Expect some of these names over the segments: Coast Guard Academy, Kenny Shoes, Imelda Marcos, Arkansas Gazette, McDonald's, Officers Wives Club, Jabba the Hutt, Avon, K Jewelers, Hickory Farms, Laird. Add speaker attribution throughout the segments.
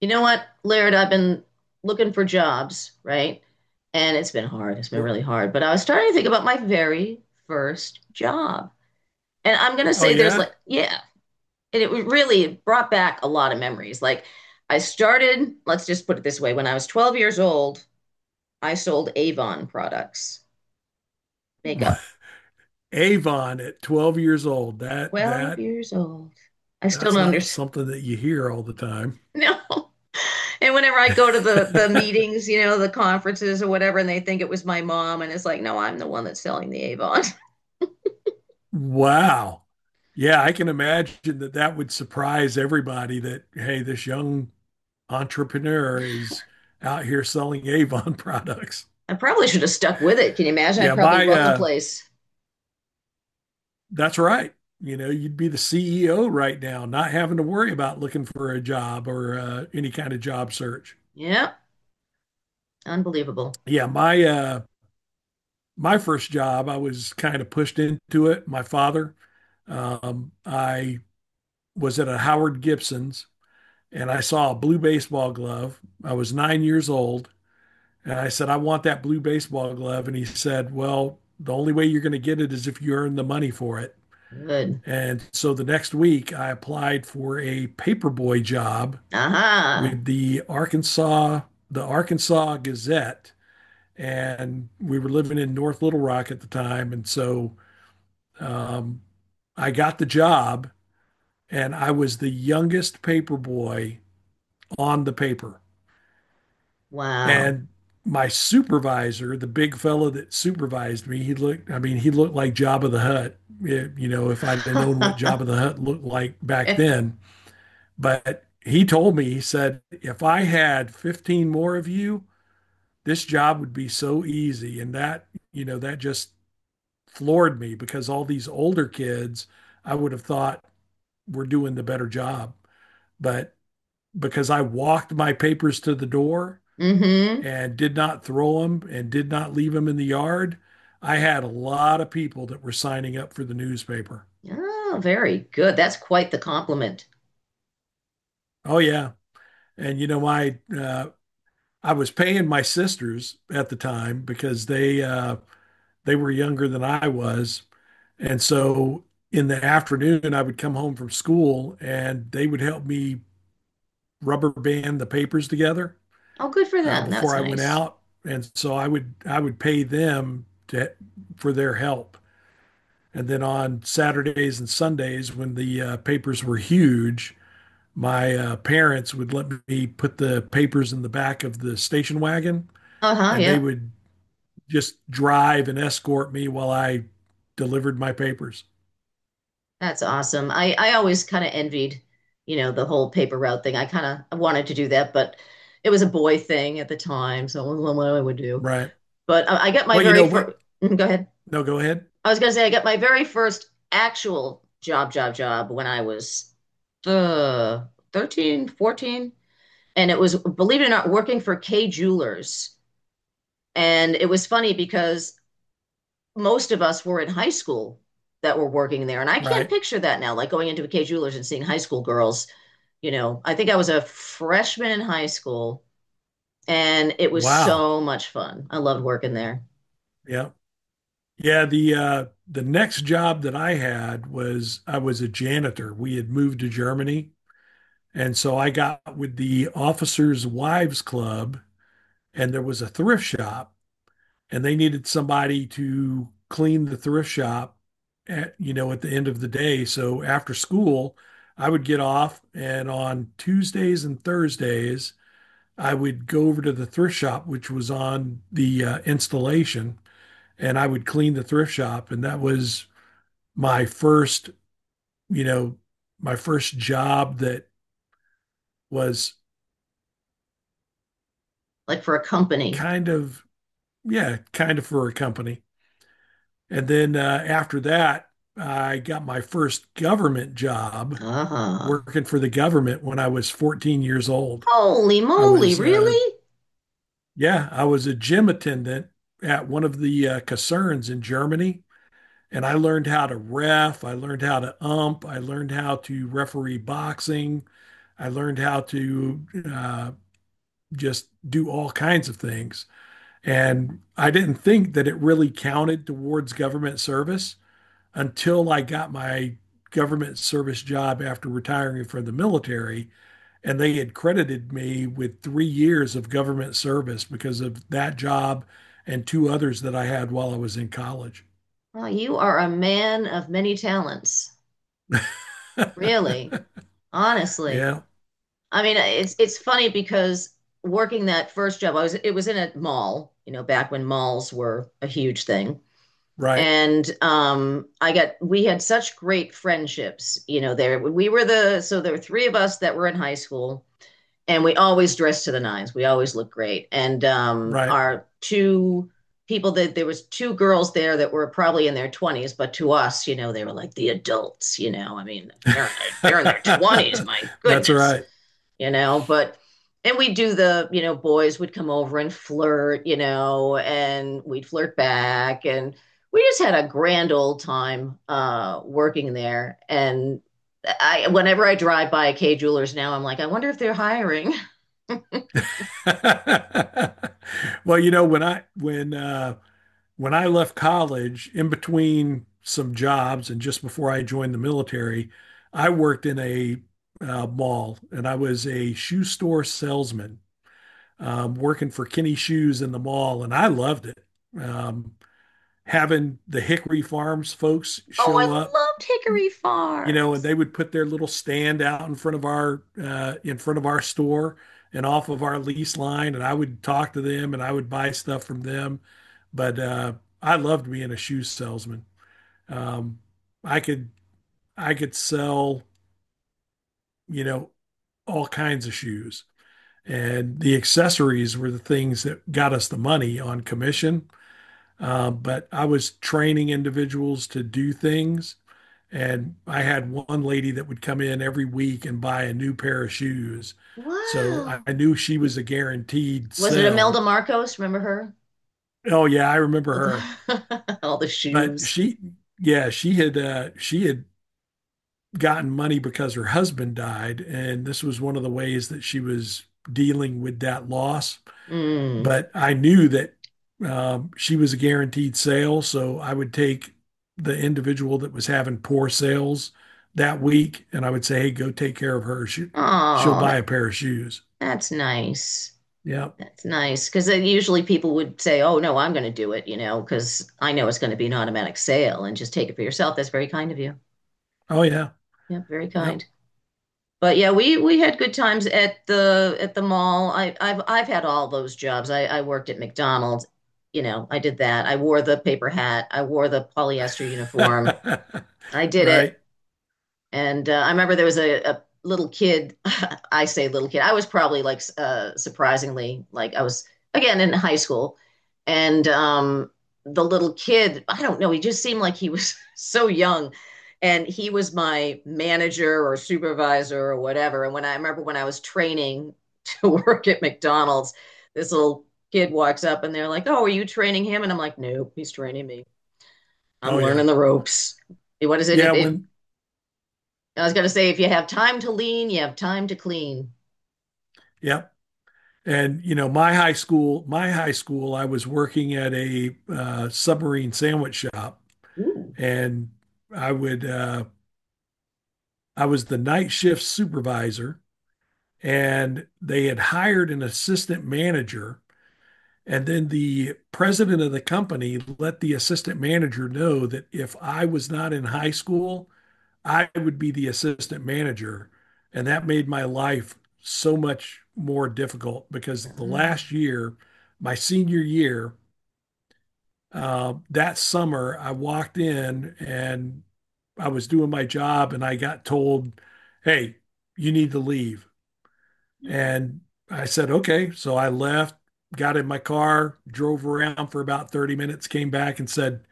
Speaker 1: You know what, Laird? I've been looking for jobs, right? And it's been hard. It's been
Speaker 2: R-
Speaker 1: really hard. But I was starting to think about my very first job. And I'm going to
Speaker 2: Oh
Speaker 1: say there's
Speaker 2: yeah,
Speaker 1: yeah. And it really brought back a lot of memories. I started, let's just put it this way, when I was 12 years old. I sold Avon products, makeup.
Speaker 2: Avon at 12 years old. That
Speaker 1: 12
Speaker 2: that
Speaker 1: years old. I still
Speaker 2: that's
Speaker 1: don't
Speaker 2: not
Speaker 1: understand.
Speaker 2: something that you hear all the time.
Speaker 1: No. And whenever I go to the meetings, the conferences or whatever, and they think it was my mom, and it's like, no, I'm the one that's selling the Avon.
Speaker 2: Wow. Yeah, I can imagine that that would surprise everybody that hey, this young entrepreneur is out here selling Avon products.
Speaker 1: I probably should have stuck with it. Can you imagine? I'd
Speaker 2: Yeah,
Speaker 1: probably
Speaker 2: my
Speaker 1: run the place.
Speaker 2: That's right. You know, you'd be the CEO right now, not having to worry about looking for a job or any kind of job search.
Speaker 1: Yeah, unbelievable.
Speaker 2: Yeah, my uh my first job, I was kind of pushed into it. My father, I was at a Howard Gibson's and I saw a blue baseball glove. I was 9 years old. And I said, I want that blue baseball glove. And he said, well, the only way you're going to get it is if you earn the money for it.
Speaker 1: Good.
Speaker 2: And so the next week, I applied for a paperboy job
Speaker 1: Aha. Uh-huh.
Speaker 2: with the Arkansas Gazette. And we were living in North Little Rock at the time. And so um, I got the job and I was the youngest paper boy on the paper.
Speaker 1: Wow.
Speaker 2: And my supervisor, the big fellow that supervised me, he looked, I mean, he looked like Jabba the Hutt. You know, if I'd have known what Jabba the Hutt looked like back then, but he told me, he said, if I had 15 more of you, this job would be so easy. And that just floored me because all these older kids, I would have thought, we're doing the better job. But because I walked my papers to the door
Speaker 1: Mm-hmm.
Speaker 2: and did not throw them and did not leave them in the yard, I had a lot of people that were signing up for the newspaper.
Speaker 1: Oh, very good. That's quite the compliment.
Speaker 2: Oh yeah, and I was paying my sisters at the time because they were younger than I was, and so in the afternoon I would come home from school and they would help me rubber band the papers together
Speaker 1: Oh, good for them.
Speaker 2: before
Speaker 1: That's
Speaker 2: I went
Speaker 1: nice.
Speaker 2: out, and so I would pay them to for their help. And then on Saturdays and Sundays, when the papers were huge, my parents would let me put the papers in the back of the station wagon,
Speaker 1: Uh-huh,
Speaker 2: and they
Speaker 1: yeah.
Speaker 2: would just drive and escort me while I delivered my papers.
Speaker 1: That's awesome. I always kind of envied, you know, the whole paper route thing. I kind of wanted to do that, but it was a boy thing at the time, so it wasn't what I would do.
Speaker 2: Right.
Speaker 1: But I got my
Speaker 2: Well, you
Speaker 1: very
Speaker 2: know
Speaker 1: first.
Speaker 2: what?
Speaker 1: Go ahead.
Speaker 2: No, go ahead.
Speaker 1: I was gonna say I got my very first actual job, job, job when I was uh, 13, 14, and it was, believe it or not, working for K Jewelers. And it was funny because most of us were in high school that were working there, and I can't
Speaker 2: Right.
Speaker 1: picture that now, like going into a K Jewelers and seeing high school girls. I think I was a freshman in high school and it was
Speaker 2: Wow.
Speaker 1: so much fun. I loved working there,
Speaker 2: Yeah. Yeah, the next job that I had was I was a janitor. We had moved to Germany, and so I got with the Officers Wives Club and there was a thrift shop and they needed somebody to clean the thrift shop at at the end of the day. So after school, I would get off and on Tuesdays and Thursdays, I would go over to the thrift shop which was on the installation and I would clean the thrift shop and that was my first, you know, my first job that was
Speaker 1: like for a company.
Speaker 2: kind of, yeah, kind of for a company. And then after that, I got my first government job
Speaker 1: Uh-huh.
Speaker 2: working for the government when I was 14 years old.
Speaker 1: Holy
Speaker 2: I
Speaker 1: moly,
Speaker 2: was,
Speaker 1: really?
Speaker 2: yeah, I was a gym attendant at one of the concerns in Germany. And I learned how to ref. I learned how to ump. I learned how to referee boxing. I learned how to uh, just do all kinds of things. And I didn't think that it really counted towards government service until I got my government service job after retiring from the military. And they had credited me with 3 years of government service because of that job and two others that I had while I was in college.
Speaker 1: Wow, you are a man of many talents. Really? Honestly.
Speaker 2: Yeah,
Speaker 1: I mean, it's funny because working that first job, I was it was in a mall, you know, back when malls were a huge thing.
Speaker 2: right.
Speaker 1: And I got, we had such great friendships, there we were, the so there were three of us that were in high school, and we always dressed to the nines, we always looked great. And
Speaker 2: Right.
Speaker 1: our two people that there was two girls there that were probably in their 20s, but to us, you know, they were like the adults. You know, I mean, they're in their 20s. My
Speaker 2: That's
Speaker 1: goodness,
Speaker 2: right.
Speaker 1: you know. But And we'd do the, you know, boys would come over and flirt, you know, and we'd flirt back. And we just had a grand old time working there. And I, whenever I drive by K Jewelers now, I'm like, I wonder if they're hiring.
Speaker 2: Well, you know, when I left college, in between some jobs and just before I joined the military, I worked in a mall and I was a shoe store salesman working for Kenny Shoes in the mall, and I loved it. Um, Having the Hickory Farms folks
Speaker 1: Oh, I
Speaker 2: show up,
Speaker 1: loved Hickory
Speaker 2: you know, and
Speaker 1: Farms.
Speaker 2: they would put their little stand out in front of our store and off of our lease line, and I would talk to them and I would buy stuff from them. But I loved being a shoe salesman. Um, I could I could sell you know all kinds of shoes, and the accessories were the things that got us the money on commission. But I was training individuals to do things. And I had one lady that would come in every week and buy a new pair of shoes. So I
Speaker 1: Wow.
Speaker 2: I knew she was a guaranteed
Speaker 1: Was it
Speaker 2: sell.
Speaker 1: Imelda Marcos? Remember her?
Speaker 2: Oh yeah, I remember
Speaker 1: With
Speaker 2: her.
Speaker 1: all the
Speaker 2: But
Speaker 1: shoes.
Speaker 2: she, yeah, she had gotten money because her husband died, and this was one of the ways that she was dealing with that loss.
Speaker 1: Mm.
Speaker 2: But I knew that she was a guaranteed sale. So I would take the individual that was having poor sales that week and I would say, hey, go take care of her. She'll
Speaker 1: Oh,
Speaker 2: buy a pair of shoes.
Speaker 1: that's nice.
Speaker 2: Yep.
Speaker 1: That's nice because usually people would say, "Oh no, I'm going to do it," you know, because I know it's going to be an automatic sale and just take it for yourself. That's very kind of you.
Speaker 2: Oh, yeah.
Speaker 1: Yeah, very kind.
Speaker 2: Yep.
Speaker 1: But yeah, we had good times at the mall. I've had all those jobs. I worked at McDonald's. You know, I did that. I wore the paper hat. I wore the polyester uniform. I did it.
Speaker 2: Right.
Speaker 1: And I remember there was a little kid. I say little kid. I was probably like surprisingly, like I was again in high school, and the little kid, I don't know, he just seemed like he was so young, and he was my manager or supervisor or whatever. And remember when I was training to work at McDonald's, this little kid walks up and they're like, "Oh, are you training him?" And I'm like, "Nope, he's training me. I'm
Speaker 2: Oh, yeah.
Speaker 1: learning the ropes." What is it? If,
Speaker 2: Yeah.
Speaker 1: if I was gonna say, if you have time to lean, you have time to clean.
Speaker 2: Yep. And, you know, my high school, I was working at a submarine sandwich shop
Speaker 1: Ooh.
Speaker 2: and I would, I was the night shift supervisor and they had hired an assistant manager. And then the president of the company let the assistant manager know that if I was not in high school, I would be the assistant manager. And that made my life so much more difficult because the last
Speaker 1: Oh.
Speaker 2: year, my senior year, that summer, I walked in and I was doing my job and I got told, hey, you need to leave. And I said, okay. So I left, got in my car, drove around for about 30 minutes, came back and said,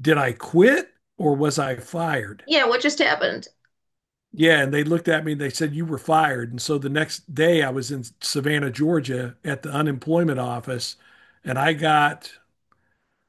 Speaker 2: did I quit or was I fired?
Speaker 1: Yeah, what just happened?
Speaker 2: Yeah. And they looked at me and they said, you were fired. And so the next day I was in Savannah, Georgia at the unemployment office. And I got,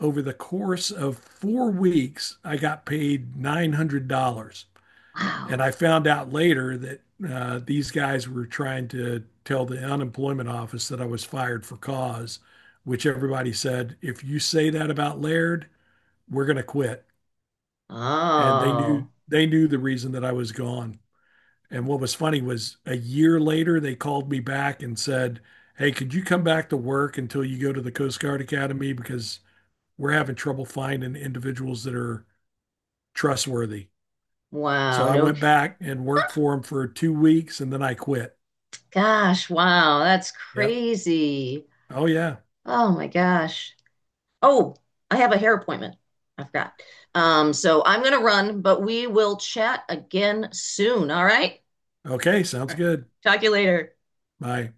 Speaker 2: over the course of 4 weeks, I got paid $900.
Speaker 1: Wow.
Speaker 2: And I found out later that these guys were trying to tell the unemployment office that I was fired for cause, which everybody said, if you say that about Laird, we're going to quit. And
Speaker 1: Oh.
Speaker 2: they knew the reason that I was gone. And what was funny was a year later, they called me back and said, hey, could you come back to work until you go to the Coast Guard Academy? Because we're having trouble finding individuals that are trustworthy. So
Speaker 1: Wow.
Speaker 2: I
Speaker 1: No,
Speaker 2: went back and worked for them for 2 weeks and then I quit.
Speaker 1: gosh, wow. That's
Speaker 2: Yep.
Speaker 1: crazy.
Speaker 2: Oh yeah.
Speaker 1: Oh my gosh. Oh, I have a hair appointment. I forgot. So I'm gonna run, but we will chat again soon. All right?
Speaker 2: Okay,
Speaker 1: All
Speaker 2: sounds
Speaker 1: right.
Speaker 2: good.
Speaker 1: Talk to you later.
Speaker 2: Bye.